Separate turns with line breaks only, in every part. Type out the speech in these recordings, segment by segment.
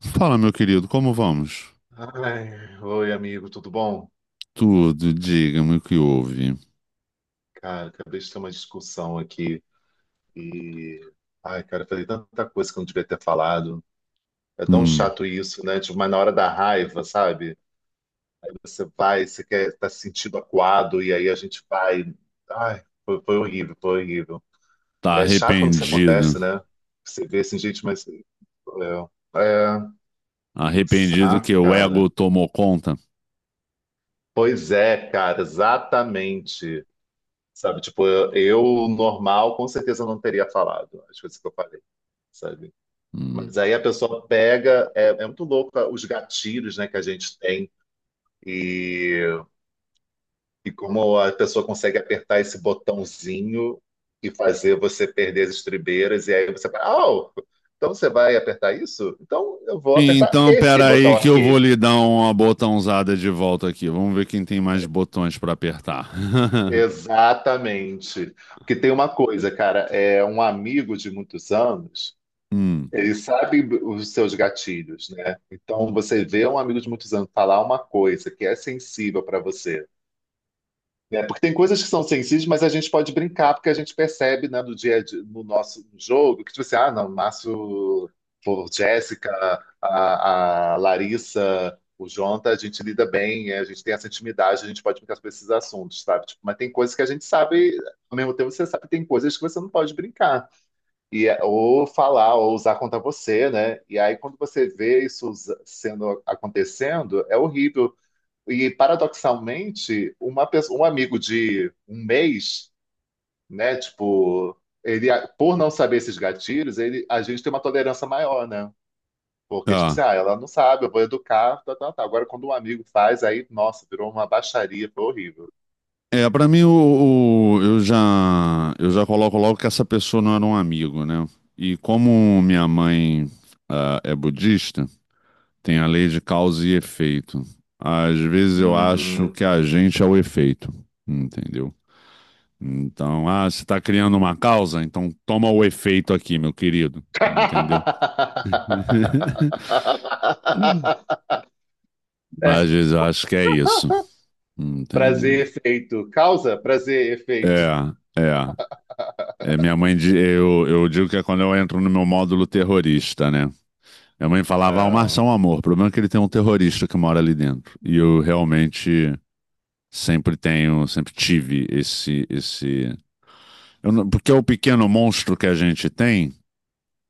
Fala, meu querido, como vamos?
Ai, oi, amigo, tudo bom?
Tudo, diga-me o que houve.
Cara, acabei de ter uma discussão aqui e. Ai, cara, eu falei tanta coisa que eu não devia ter falado. É tão
Hum,
chato isso, né? Tipo, mas na hora da raiva, sabe? Você vai, você quer, tá se sentindo acuado e aí a gente vai. Ai, foi horrível, foi horrível.
tá
É chato quando isso
arrependido.
acontece, né? Você vê assim, gente, é,
Arrependido
saca,
que o
cara.
ego tomou conta?
Pois é, cara, exatamente. Sabe, tipo, normal com certeza não teria falado as coisas que eu falei, sabe? Mas
Hum.
aí a pessoa pega, é muito louco os gatilhos, né, que a gente tem e, e como a pessoa consegue apertar esse botãozinho e fazer você perder as estribeiras e aí você fala, oh, então você vai apertar isso? Então eu vou apertar
Então,
esse botão
peraí que eu vou
aqui.
lhe dar uma botãozada de volta aqui. Vamos ver quem tem mais botões pra apertar.
Exatamente. Porque tem uma coisa, cara, é um amigo de muitos anos.
Hum,
Ele sabe os seus gatilhos, né? Então você vê um amigo de muitos anos falar uma coisa que é sensível para você, né? Porque tem coisas que são sensíveis, mas a gente pode brincar porque a gente percebe, né, no dia a dia, no nosso jogo, que tipo assim, ah, não, Márcio, pô, Jéssica, a Larissa, o Jonta, a gente lida bem, é, a gente tem essa intimidade, a gente pode brincar sobre esses assuntos, sabe? Tipo, mas tem coisas que a gente sabe, ao mesmo tempo você sabe que tem coisas que você não pode brincar. E, é, ou falar, ou usar contra você, né? E aí, quando você vê isso sendo acontecendo, é horrível. E paradoxalmente, uma pessoa, um amigo de um mês, né? Tipo, ele, por não saber esses gatilhos, ele, a gente tem uma tolerância maior, né? Porque, tipo assim,
tá.
ah, ela não sabe, eu vou educar, tá, tá, tá. Agora, quando um amigo faz, aí, nossa, virou uma baixaria, foi horrível.
É, pra mim, eu já coloco logo que essa pessoa não era um amigo, né? E como minha mãe, ah, é budista, tem a lei de causa e efeito. Às vezes eu acho
Uhum.
que a gente é o efeito, entendeu? Então, ah, você está criando uma causa, então toma o efeito aqui, meu querido, entendeu?
É
Às vezes eu acho que é isso,
Prazer,
entendeu?
efeito. Causa, prazer, efeito.
É, é. É, minha mãe, eu digo que é quando eu entro no meu módulo terrorista, né? Minha mãe falava, ah, o Março é
Não,
um amor. O problema é que ele tem um terrorista que mora ali dentro. E eu realmente sempre tenho, sempre tive esse, esse. Eu não- porque é o pequeno monstro que a gente tem,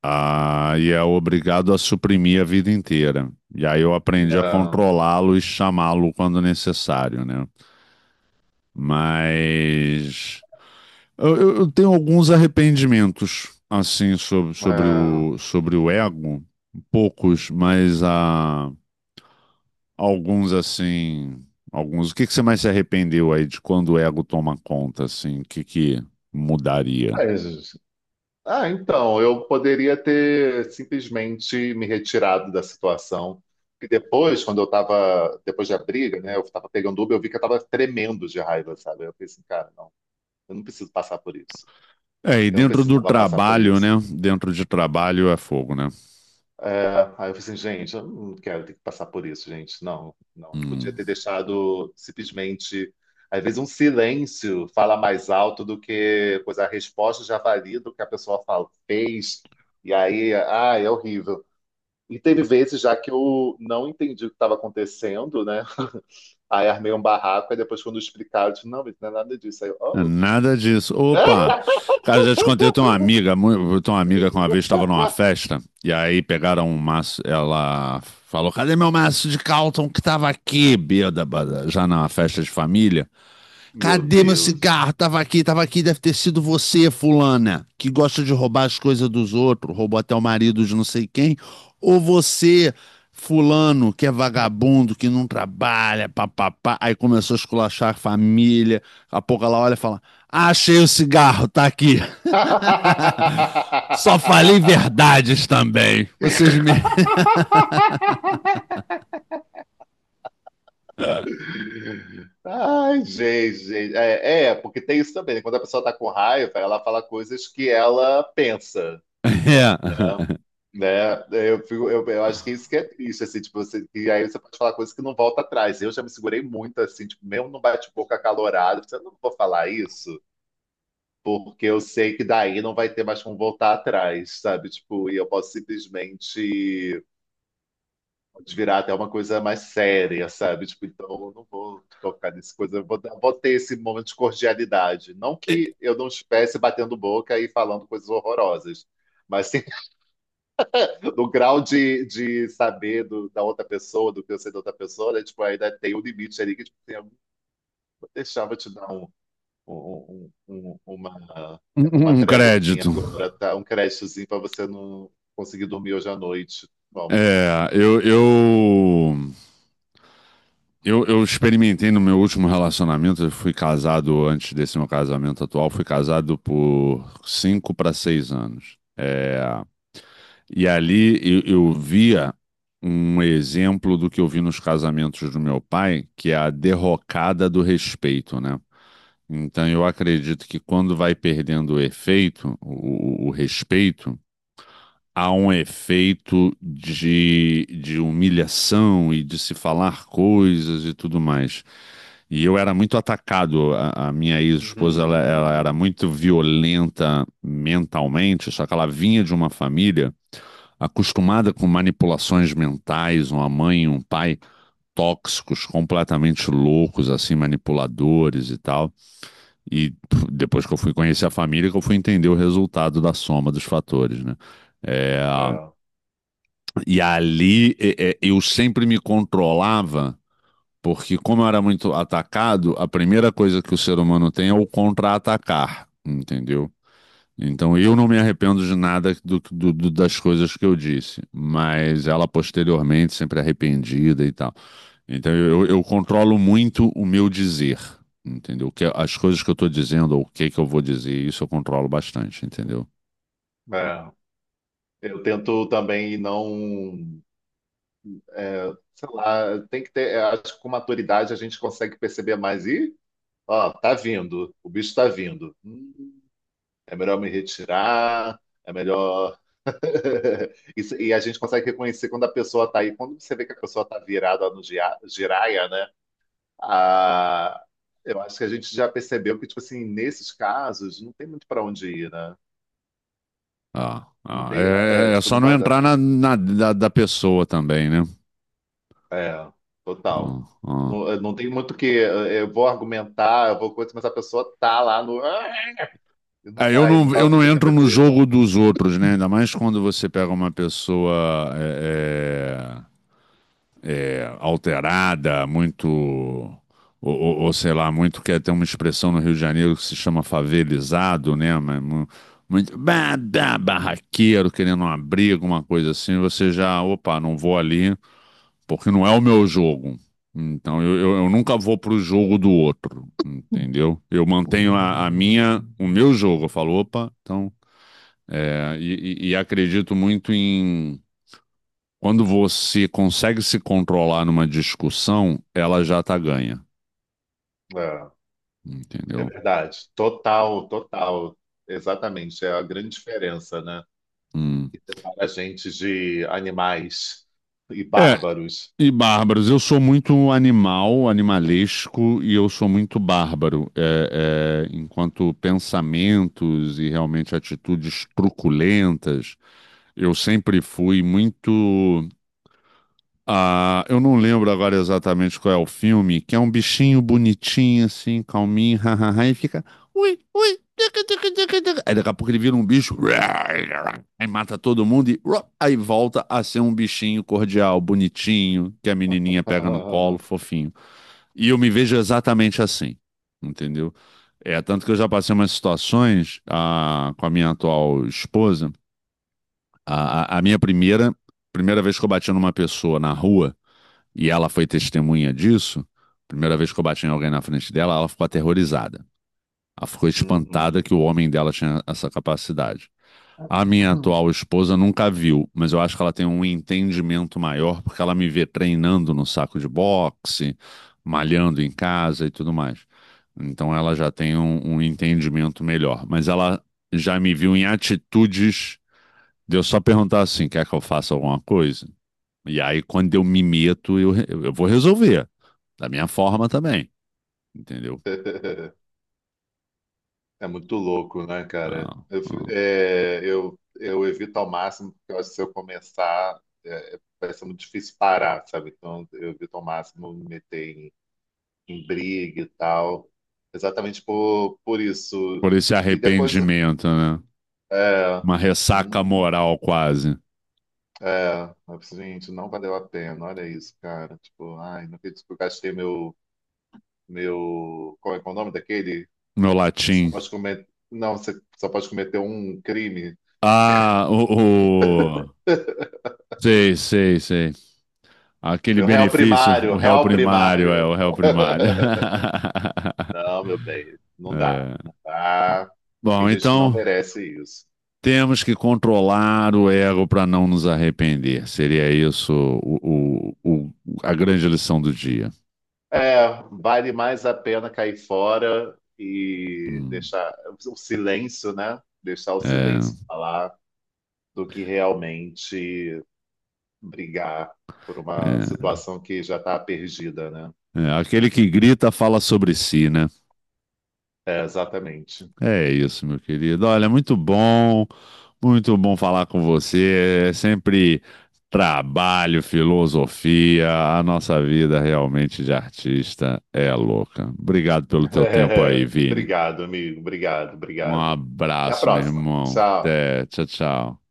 ah, e é obrigado a suprimir a vida inteira. E aí eu aprendi a
não,
controlá-lo e chamá-lo quando necessário, né? Mas eu tenho alguns arrependimentos, assim, sobre, sobre
não.
o, sobre o ego, poucos, mas a alguns assim, alguns. O que que você mais se arrependeu aí de quando o ego toma conta, assim? O que que mudaria?
Mas, ah, então, eu poderia ter simplesmente me retirado da situação. E depois, quando eu tava, depois da briga, né, eu tava pegando Uber, eu vi que eu tava tremendo de raiva, sabe? Eu pensei, cara, não, eu não preciso passar por isso.
É, e
Eu não
dentro do
precisava passar por
trabalho, né?
isso.
Dentro de trabalho é fogo, né?
É, aí eu falei assim, gente, eu não quero ter que passar por isso, gente. Não, não. Eu podia
Hum.
ter deixado simplesmente. Às vezes um silêncio fala mais alto do que, pois a resposta já valia do que a pessoa fala, fez. E aí, ah, é horrível. E teve vezes já que eu não entendi o que estava acontecendo, né? Aí armei um barraco, e depois quando explicaram, eu disse, não, mas não é nada disso. Aí eu,
É
oh,
nada disso.
é?
Opa! Cara, já te contei, eu tenho uma amiga, eu tenho uma amiga que uma vez estava numa festa, e aí pegaram um maço, ela falou, cadê meu maço de Calton que tava aqui, bêbada, já numa festa de família?
Meu
Cadê meu
Deus.
cigarro? Tava aqui, tava aqui. Deve ter sido você, fulana, que gosta de roubar as coisas dos outros, roubou até o marido de não sei quem. Ou você, fulano, que é vagabundo, que não trabalha, papapá. Aí começou a esculachar a família. Daqui a pouco ela olha e fala: ah, achei o cigarro, tá aqui. Só falei verdades também. Vocês me.
Ai, gente, gente. É, é, porque tem isso também, né? Quando a pessoa tá com raiva, ela fala coisas que ela pensa, né?
É.
Né? Eu acho que isso que é triste, assim, tipo, você, e aí você pode falar coisas que não volta atrás. Eu já me segurei muito, assim, tipo, mesmo no bate-boca acalorado, eu não vou falar isso, porque eu sei que daí não vai ter mais como voltar atrás, sabe? Tipo, e eu posso simplesmente virar até uma coisa mais séria, sabe? Tipo, então eu não vou tocar nessa coisa, vou ter esse momento de cordialidade. Não que eu não estivesse batendo boca e falando coisas horrorosas, mas sim, no grau de saber da outra pessoa, do que eu sei da outra pessoa, né? Tipo, ainda tem um limite ali que tipo, assim, eu vou deixar, vou te dar um, um- um- um- um, uma,
Um
uma
um um
tréguazinha
crédito.
agora, tá? Um créditozinho para você não conseguir dormir hoje à noite. Vamos.
Eu, eu experimentei no meu último relacionamento, eu fui casado antes desse meu casamento atual, fui casado por cinco para seis anos. É, e ali eu via um exemplo do que eu vi nos casamentos do meu pai, que é a derrocada do respeito, né? Então eu acredito que quando vai perdendo o efeito, o respeito, há um efeito de humilhação e de se falar coisas e tudo mais. E eu era muito atacado. A minha ex-esposa, ela era
Hum,
muito violenta mentalmente, só que ela vinha de uma família acostumada com manipulações mentais, uma mãe e um pai tóxicos, completamente loucos, assim, manipuladores e tal. E pff, depois que eu fui conhecer a família, que eu fui entender o resultado da soma dos fatores, né? É,
é,
e ali é, é, eu sempre me controlava, porque como eu era muito atacado, a primeira coisa que o ser humano tem é o contra-atacar, entendeu? Então eu não me arrependo de nada das coisas que eu disse, mas ela posteriormente sempre arrependida e tal. Então eu controlo muito o meu dizer, entendeu? Que as coisas que eu estou dizendo ou o que que eu vou dizer, isso eu controlo bastante, entendeu?
é. Eu tento também não, sei lá, tem que ter, eu acho que com maturidade a gente consegue perceber mais. E, ó, tá vindo, o bicho tá vindo. É melhor me retirar, é melhor. Isso- E a gente consegue reconhecer quando a pessoa tá aí. Quando você vê que a pessoa tá virada no giraia, né? Ah, eu acho que a gente já percebeu que, tipo assim, nesses casos, não tem muito pra onde ir, né?
Ah,
Não
ah,
tem, é,
é, é é
tipo,
só
não
não
vai.
entrar na, da pessoa também, né?
É, total.
Ah, ah.
Não, eu não tem muito o que. Eu vou argumentar, eu vou coisa, mas a pessoa tá lá no "ah", e não
É, eu
vai, não
não,
vai
eu
ouvir o
não
que eu tenho
entro
pra
no
dizer.
jogo dos outros, né? Ainda mais quando você pega uma pessoa é, é, é, alterada, muito, ou, ou sei lá, muito que tem uma expressão no Rio de Janeiro que se chama favelizado, né? Mas mu- muito barraqueiro, querendo uma briga, uma coisa assim. Você já, opa, não vou ali. Porque não é o meu jogo. Então eu nunca vou pro jogo do outro, entendeu? Eu mantenho a minha, o meu jogo. Eu falo, opa, então. É, e, e acredito muito em quando você consegue se controlar numa discussão, ela já tá ganha,
É, é
entendeu?
verdade. Total, total. Exatamente. É a grande diferença, né?
Hum.
Que separa a gente de animais e
É,
bárbaros.
e bárbaros, eu sou muito animal, animalesco, e eu sou muito bárbaro, é, é, enquanto pensamentos e realmente atitudes truculentas eu sempre fui muito. Ah, eu não lembro agora exatamente qual é o filme, que é um bichinho bonitinho, assim, calminho, hahaha, e fica. Ui, ui, tica, tica, tica, tica. Aí daqui a pouco ele vira um bicho, aí mata todo mundo e aí volta a ser um bichinho cordial, bonitinho, que a menininha pega no colo, fofinho. E eu me vejo exatamente assim, entendeu? É, tanto que eu já passei umas situações ah, com a minha atual esposa a primeira vez que eu bati numa pessoa na rua, e ela foi testemunha disso, primeira vez que eu bati em alguém na frente dela, ela ficou aterrorizada. Ela ficou espantada
Uhum.
que o homem dela tinha essa capacidade. A minha atual esposa nunca viu, mas eu acho que ela tem um entendimento maior porque ela me vê treinando no saco de boxe, malhando em casa e tudo mais. Então ela já tem um entendimento melhor, mas ela já me viu em atitudes de eu só perguntar assim, quer que eu faça alguma coisa? E aí, quando eu me meto, eu vou resolver. Da minha forma também, entendeu?
É muito louco, né, cara?
Ah, ah.
É, eu evito ao máximo, porque eu acho que se eu começar, é, vai ser muito difícil parar, sabe? Então, eu evito ao máximo me meter em, em briga e tal, exatamente por isso.
Por esse
E depois,
arrependimento, né? Uma
é preciso,
ressaca
hum,
moral quase.
é, é preciso, gente, não valeu a pena, olha isso, cara. Tipo, ai, não acredito que eu gastei meu, meu, qual é o nome daquele?
Meu latim.
Acho pode eu. Não, você só pode cometer um crime.
Ah, o... Sei, sei, sei. Aquele
Meu réu
benefício,
primário,
o réu
réu
primário, é
primário.
o réu primário.
Não, meu bem, não dá,
É.
não dá. Tem
Bom,
gente que não
então
merece isso.
temos que controlar o ego para não nos arrepender. Seria isso o, o- o- a grande lição do dia.
É, vale mais a pena cair fora e
Hum.
deixar o silêncio, né? Deixar o
É,
silêncio falar do que realmente brigar por uma
é,
situação que já está perdida, né?
é. Aquele que grita fala sobre si, né?
É, exatamente.
É isso, meu querido. Olha, muito bom falar com você. É sempre trabalho, filosofia. A nossa vida realmente de artista é louca. Obrigado pelo teu tempo aí, Vini.
Obrigado, amigo. Obrigado,
Um
obrigado. Até a
abraço, meu
próxima.
irmão.
Tchau.
Até, tchau, tchau.